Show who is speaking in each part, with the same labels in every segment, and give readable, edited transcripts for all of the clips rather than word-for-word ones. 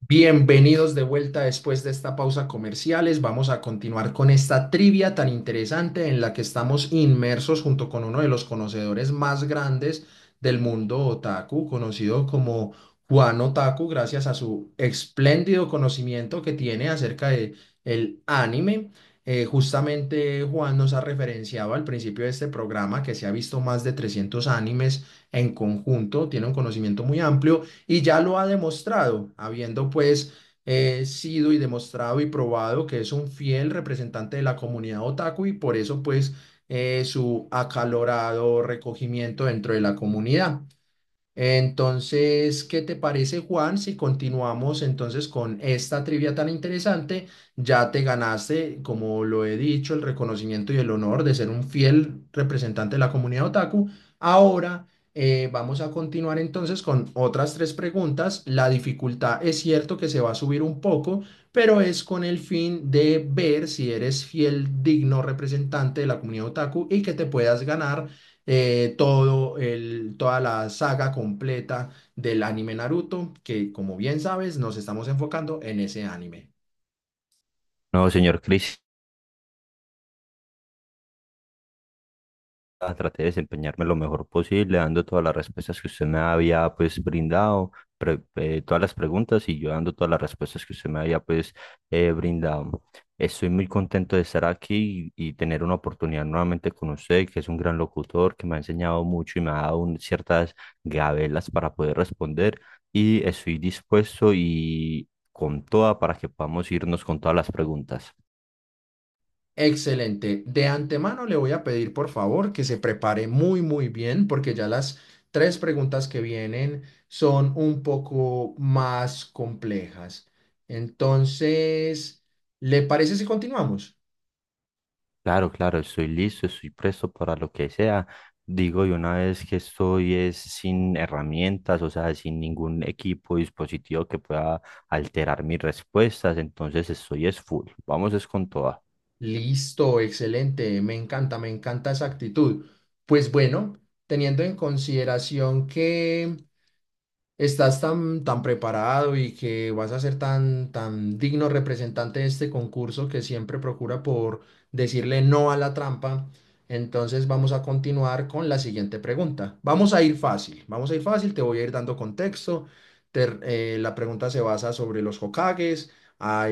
Speaker 1: Bienvenidos de vuelta después de esta pausa comerciales. Vamos a continuar con esta trivia tan interesante en la que estamos inmersos junto con uno de los conocedores más grandes del mundo otaku, conocido como Juan Otaku, gracias a su espléndido conocimiento que tiene acerca de el anime. Justamente Juan nos ha referenciado al principio de este programa que se ha visto más de 300 animes en conjunto, tiene un conocimiento muy amplio y ya lo ha demostrado, habiendo pues sido y demostrado y probado que es un fiel representante de la comunidad otaku y por eso pues su acalorado recogimiento dentro de la comunidad. Entonces, ¿qué te parece, Juan? Si continuamos entonces con esta trivia tan interesante, ya te ganaste, como lo he dicho, el reconocimiento y el honor de ser un fiel representante de la comunidad otaku. Ahora vamos a continuar entonces con otras tres preguntas. La dificultad es cierto que se va a subir un poco, pero es con el fin de ver si eres fiel, digno representante de la comunidad otaku y que te puedas ganar toda la saga completa del anime Naruto, que como bien sabes, nos estamos enfocando en ese anime.
Speaker 2: No, señor Cris, traté de desempeñarme lo mejor posible, dando todas las respuestas que usted me había pues brindado, todas las preguntas y yo dando todas las respuestas que usted me había pues brindado. Estoy muy contento de estar aquí y tener una oportunidad nuevamente con usted, que es un gran locutor, que me ha enseñado mucho y me ha dado ciertas gabelas para poder responder y estoy dispuesto y con toda para que podamos irnos con todas las preguntas.
Speaker 1: Excelente. De antemano le voy a pedir por favor que se prepare muy muy bien porque ya las tres preguntas que vienen son un poco más complejas. Entonces, ¿le parece si continuamos?
Speaker 2: Claro, claro, estoy listo, estoy presto para lo que sea. Digo, y una vez que estoy es sin herramientas, o sea, sin ningún equipo, dispositivo que pueda alterar mis respuestas, entonces estoy es full. Vamos es con toda.
Speaker 1: Listo, excelente, me encanta esa actitud. Pues bueno, teniendo en consideración que estás tan, tan preparado y que vas a ser tan, tan digno representante de este concurso que siempre procura por decirle no a la trampa. Entonces vamos a continuar con la siguiente pregunta. Vamos a ir fácil, vamos a ir fácil, te voy a ir dando contexto. Te- la pregunta se basa sobre los Hokages.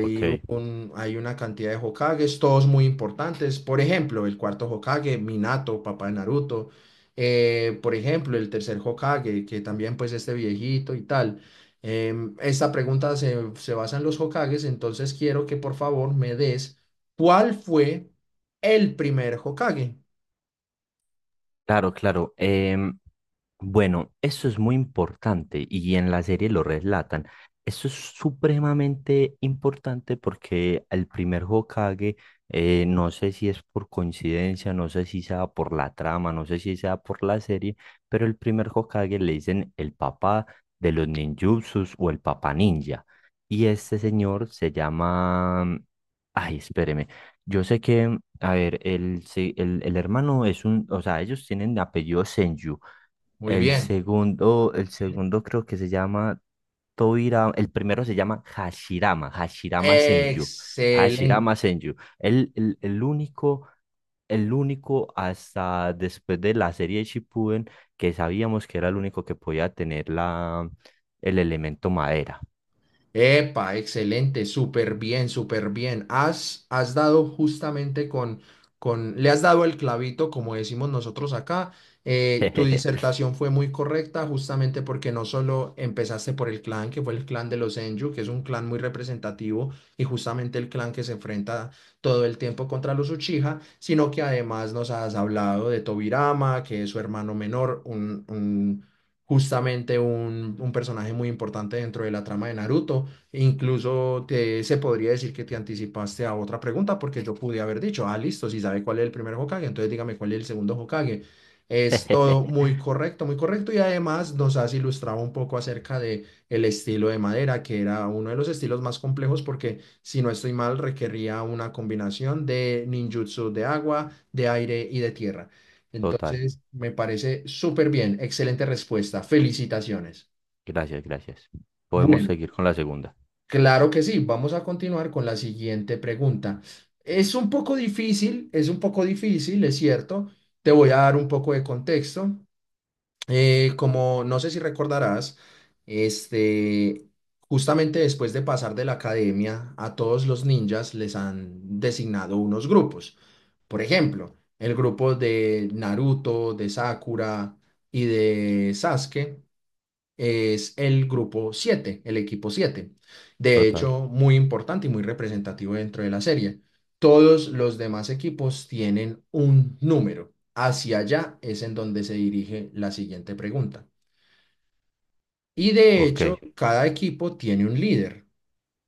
Speaker 2: Ok,
Speaker 1: un, hay una cantidad de Hokages, todos muy importantes. Por ejemplo, el cuarto Hokage, Minato, papá de Naruto. Por ejemplo, el tercer Hokage, que también pues este viejito y tal. Esta pregunta se basa en los Hokages, entonces quiero que por favor me des cuál fue el primer Hokage.
Speaker 2: claro, claro. Bueno, eso es muy importante y en la serie lo relatan. Eso es supremamente importante porque el primer Hokage, no sé si es por coincidencia, no sé si sea por la trama, no sé si sea por la serie, pero el primer Hokage le dicen el papá de los ninjutsus o el papá ninja. Y este señor se llama... Ay, espéreme. Yo sé que, a ver, el hermano es un, o sea, ellos tienen apellido Senju.
Speaker 1: Muy bien.
Speaker 2: El
Speaker 1: Bien.
Speaker 2: segundo creo que se llama Toira, el primero se llama Hashirama, Hashirama Senju.
Speaker 1: Excelente.
Speaker 2: Hashirama Senju. El único, el único hasta después de la serie de Shippuden que sabíamos que era el único que podía tener la, el elemento madera.
Speaker 1: Epa, excelente, súper bien, súper bien. Has, has dado justamente con, le has dado el clavito, como decimos nosotros acá. Tu disertación fue muy correcta, justamente porque no solo empezaste por el clan, que fue el clan de los Enju, que es un clan muy representativo y justamente el clan que se enfrenta todo el tiempo contra los Uchiha, sino que además nos has hablado de Tobirama, que es su hermano menor, justamente un personaje muy importante dentro de la trama de Naruto. E incluso se podría decir que te anticipaste a otra pregunta porque yo pude haber dicho, ah, listo, si sabe cuál es el primer Hokage, entonces dígame cuál es el segundo Hokage. Es todo muy correcto y además nos has ilustrado un poco acerca de el estilo de madera, que era uno de los estilos más complejos porque, si no estoy mal, requería una combinación de ninjutsu de agua, de aire y de tierra.
Speaker 2: Total.
Speaker 1: Entonces, me parece súper bien, excelente respuesta, felicitaciones.
Speaker 2: Gracias, gracias. Podemos
Speaker 1: Bueno.
Speaker 2: seguir con la segunda.
Speaker 1: Claro que sí, vamos a continuar con la siguiente pregunta. Es un poco difícil, es un poco difícil, es cierto. Te voy a dar un poco de contexto. Como no sé si recordarás, este, justamente después de pasar de la academia, a todos los ninjas les han designado unos grupos. Por ejemplo, el grupo de Naruto, de Sakura y de Sasuke es el grupo 7, el equipo 7. De
Speaker 2: Total.
Speaker 1: hecho, muy importante y muy representativo dentro de la serie. Todos los demás equipos tienen un número. Hacia allá es en donde se dirige la siguiente pregunta. Y de
Speaker 2: Ok,
Speaker 1: hecho, cada equipo tiene un líder.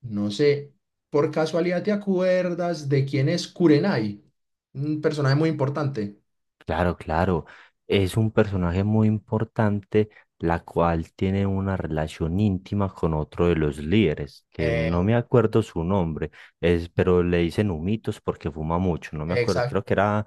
Speaker 1: No sé, por casualidad te acuerdas de quién es Kurenai, un personaje muy importante.
Speaker 2: claro, claro. Es un personaje muy importante, la cual tiene una relación íntima con otro de los líderes, que no
Speaker 1: Eh,
Speaker 2: me acuerdo su nombre, es, pero le dicen humitos porque fuma mucho. No me acuerdo,
Speaker 1: exacto,
Speaker 2: creo que era,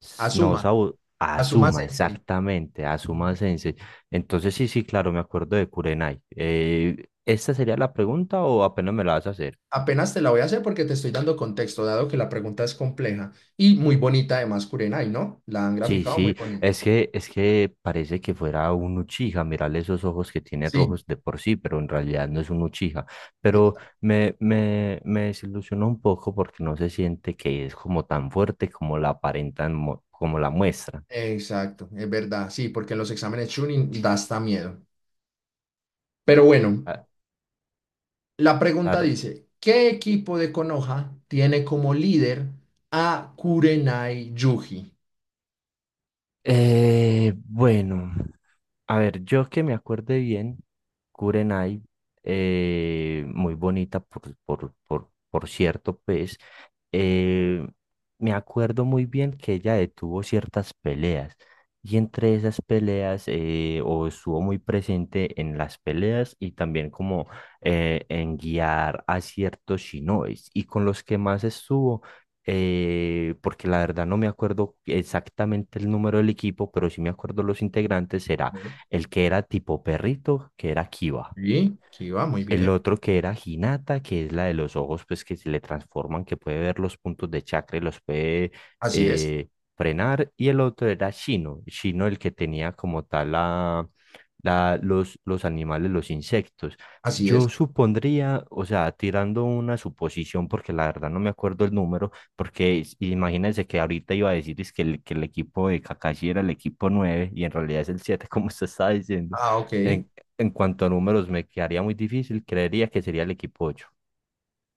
Speaker 2: s- no,
Speaker 1: Asuma,
Speaker 2: Sabu-
Speaker 1: Asuma
Speaker 2: Azuma,
Speaker 1: Sensei.
Speaker 2: exactamente, Azuma Sensei. Entonces, sí, sí, claro, me acuerdo de Kurenai. ¿Esta sería la pregunta o apenas me la vas a hacer?
Speaker 1: Apenas te la voy a hacer porque te estoy dando contexto, dado que la pregunta es compleja y muy bonita además, Kurenai, ¿no? La han
Speaker 2: Sí,
Speaker 1: graficado. Sí, muy
Speaker 2: sí,
Speaker 1: bonita.
Speaker 2: es que parece que fuera un Uchiha, mirarle esos ojos que tiene
Speaker 1: Sí,
Speaker 2: rojos de por sí, pero en realidad no es un Uchiha. Pero
Speaker 1: exacto,
Speaker 2: me desilusionó un poco porque no se siente que es como tan fuerte como la aparentan, como la muestra.
Speaker 1: exacto, es verdad, sí, porque en los exámenes Chunin da hasta miedo. Pero bueno,
Speaker 2: Ah,
Speaker 1: la pregunta
Speaker 2: claro.
Speaker 1: dice, ¿qué equipo de Konoha tiene como líder a Kurenai Yuji?
Speaker 2: Bueno. A ver, yo que me acuerde bien, Kurenai, muy bonita por cierto, pues, eh, me acuerdo muy bien que ella detuvo ciertas peleas y entre esas peleas, o estuvo muy presente en las peleas y también como en guiar a ciertos shinobis y con los que más estuvo. Porque la verdad no me acuerdo exactamente el número del equipo, pero sí me acuerdo los integrantes,
Speaker 1: A
Speaker 2: será
Speaker 1: ver,
Speaker 2: el que era tipo perrito, que era Kiba.
Speaker 1: sí, Kiba, muy
Speaker 2: El
Speaker 1: bien.
Speaker 2: otro que era Hinata, que es la de los ojos, pues que se le transforman, que puede ver los puntos de chakra y los puede
Speaker 1: Así es,
Speaker 2: eh, frenar. Y el otro era Shino, Shino el que tenía como tal la, los animales, los insectos.
Speaker 1: así
Speaker 2: Yo
Speaker 1: es.
Speaker 2: supondría, o sea, tirando una suposición, porque la verdad no me acuerdo el número, porque imagínense que ahorita iba a decir es que el equipo de Kakashi era el equipo 9 y en realidad es el 7 como usted estaba diciendo.
Speaker 1: Ah, ok.
Speaker 2: En cuanto a números, me quedaría muy difícil. Creería que sería el equipo ocho.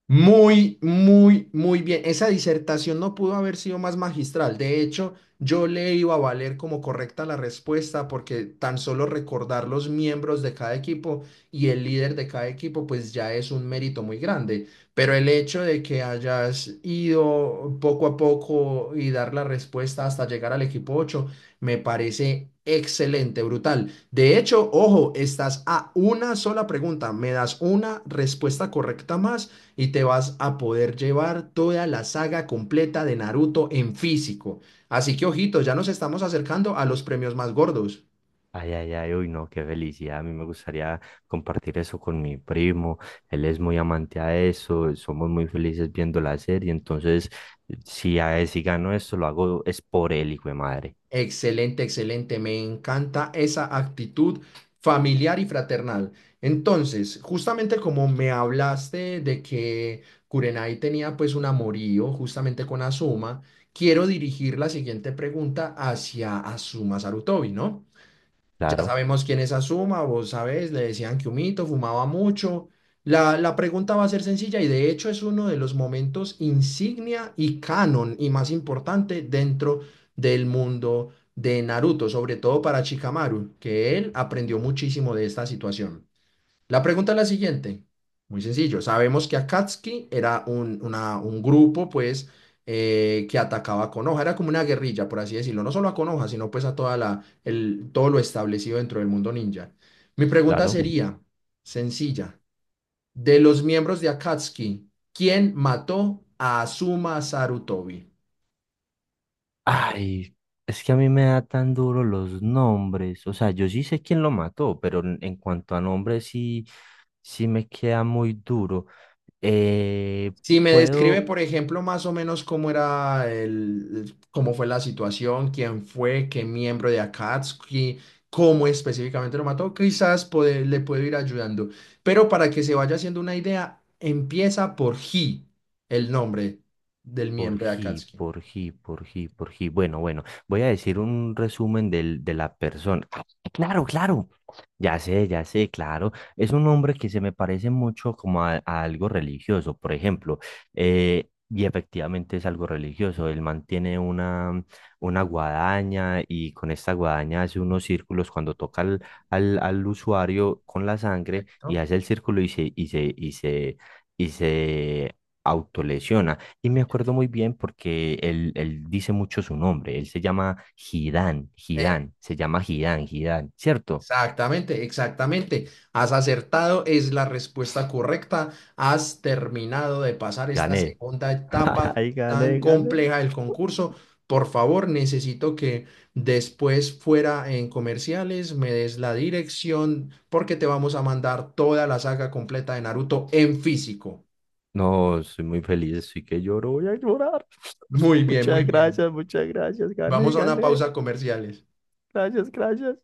Speaker 1: Muy, muy, muy bien. Esa disertación no pudo haber sido más magistral. De hecho, yo le iba a valer como correcta la respuesta porque tan solo recordar los miembros de cada equipo y el líder de cada equipo, pues ya es un mérito muy grande. Pero el hecho de que hayas ido poco a poco y dar la respuesta hasta llegar al equipo 8, me parece excelente, brutal. De hecho, ojo, estás a una sola pregunta. Me das una respuesta correcta más y te vas a poder llevar toda la saga completa de Naruto en físico. Así que ojito, ya nos estamos acercando a los premios más gordos.
Speaker 2: Ay, ay, ay, uy, no, qué felicidad. A mí me gustaría compartir eso con mi primo. Él es muy amante a eso. Somos muy felices viendo la serie. Entonces, si, a él, si gano esto, lo hago es por él, hijo de madre.
Speaker 1: Excelente, excelente. Me encanta esa actitud familiar y fraternal. Entonces, justamente como me hablaste de que Kurenai tenía pues un amorío justamente con Asuma, quiero dirigir la siguiente pregunta hacia Asuma Sarutobi, ¿no? Ya
Speaker 2: Claro,
Speaker 1: sabemos quién es Azuma, vos sabés, le decían que humito, fumaba mucho. La pregunta va a ser sencilla y de hecho es uno de los momentos insignia y canon y más importante dentro del mundo de Naruto, sobre todo para Shikamaru, que él aprendió muchísimo de esta situación. La pregunta es la siguiente, muy sencillo. Sabemos que Akatsuki era un grupo, pues, que atacaba a Konoha, era como una guerrilla, por así decirlo, no solo a Konoha, sino pues a todo lo establecido dentro del mundo ninja. Mi pregunta
Speaker 2: claro.
Speaker 1: sería, sencilla, de los miembros de Akatsuki, ¿quién mató a Asuma Sarutobi?
Speaker 2: Ay, es que a mí me da tan duro los nombres. O sea, yo sí sé quién lo mató, pero en cuanto a nombres, sí, sí me queda muy duro. Eh,
Speaker 1: Si me describe,
Speaker 2: Puedo.
Speaker 1: por ejemplo, más o menos cómo era cómo fue la situación, quién fue, qué miembro de Akatsuki, cómo específicamente lo mató, quizás le puedo ir ayudando. Pero para que se vaya haciendo una idea, empieza por He, el nombre del
Speaker 2: Por
Speaker 1: miembro de
Speaker 2: G,
Speaker 1: Akatsuki.
Speaker 2: por G, por G, por G. Bueno, bueno, voy a decir un resumen del, de la persona. Ah, claro, claro. Ya sé, claro. Es un hombre que se me parece mucho como a algo religioso, por ejemplo. Y efectivamente es algo religioso. Él mantiene una guadaña y con esta guadaña hace unos círculos cuando toca al, al usuario con la sangre y
Speaker 1: Perfecto.
Speaker 2: hace el círculo y se autolesiona. Y me acuerdo muy bien porque él dice mucho su nombre. Él se llama Gidán, Gidán, se llama Gidán, Gidán, ¿cierto?
Speaker 1: Exactamente, exactamente. Has acertado, es la respuesta correcta. Has terminado de pasar esta
Speaker 2: Gané.
Speaker 1: segunda etapa
Speaker 2: Ay,
Speaker 1: tan
Speaker 2: gané, gané.
Speaker 1: compleja del concurso. Por favor, necesito que después fuera en comerciales me des la dirección porque te vamos a mandar toda la saga completa de Naruto en físico.
Speaker 2: No, soy muy feliz, estoy que lloro, voy a llorar.
Speaker 1: Muy bien, muy bien.
Speaker 2: Muchas gracias, gané,
Speaker 1: Vamos a una
Speaker 2: gané.
Speaker 1: pausa comerciales.
Speaker 2: Gracias, gracias.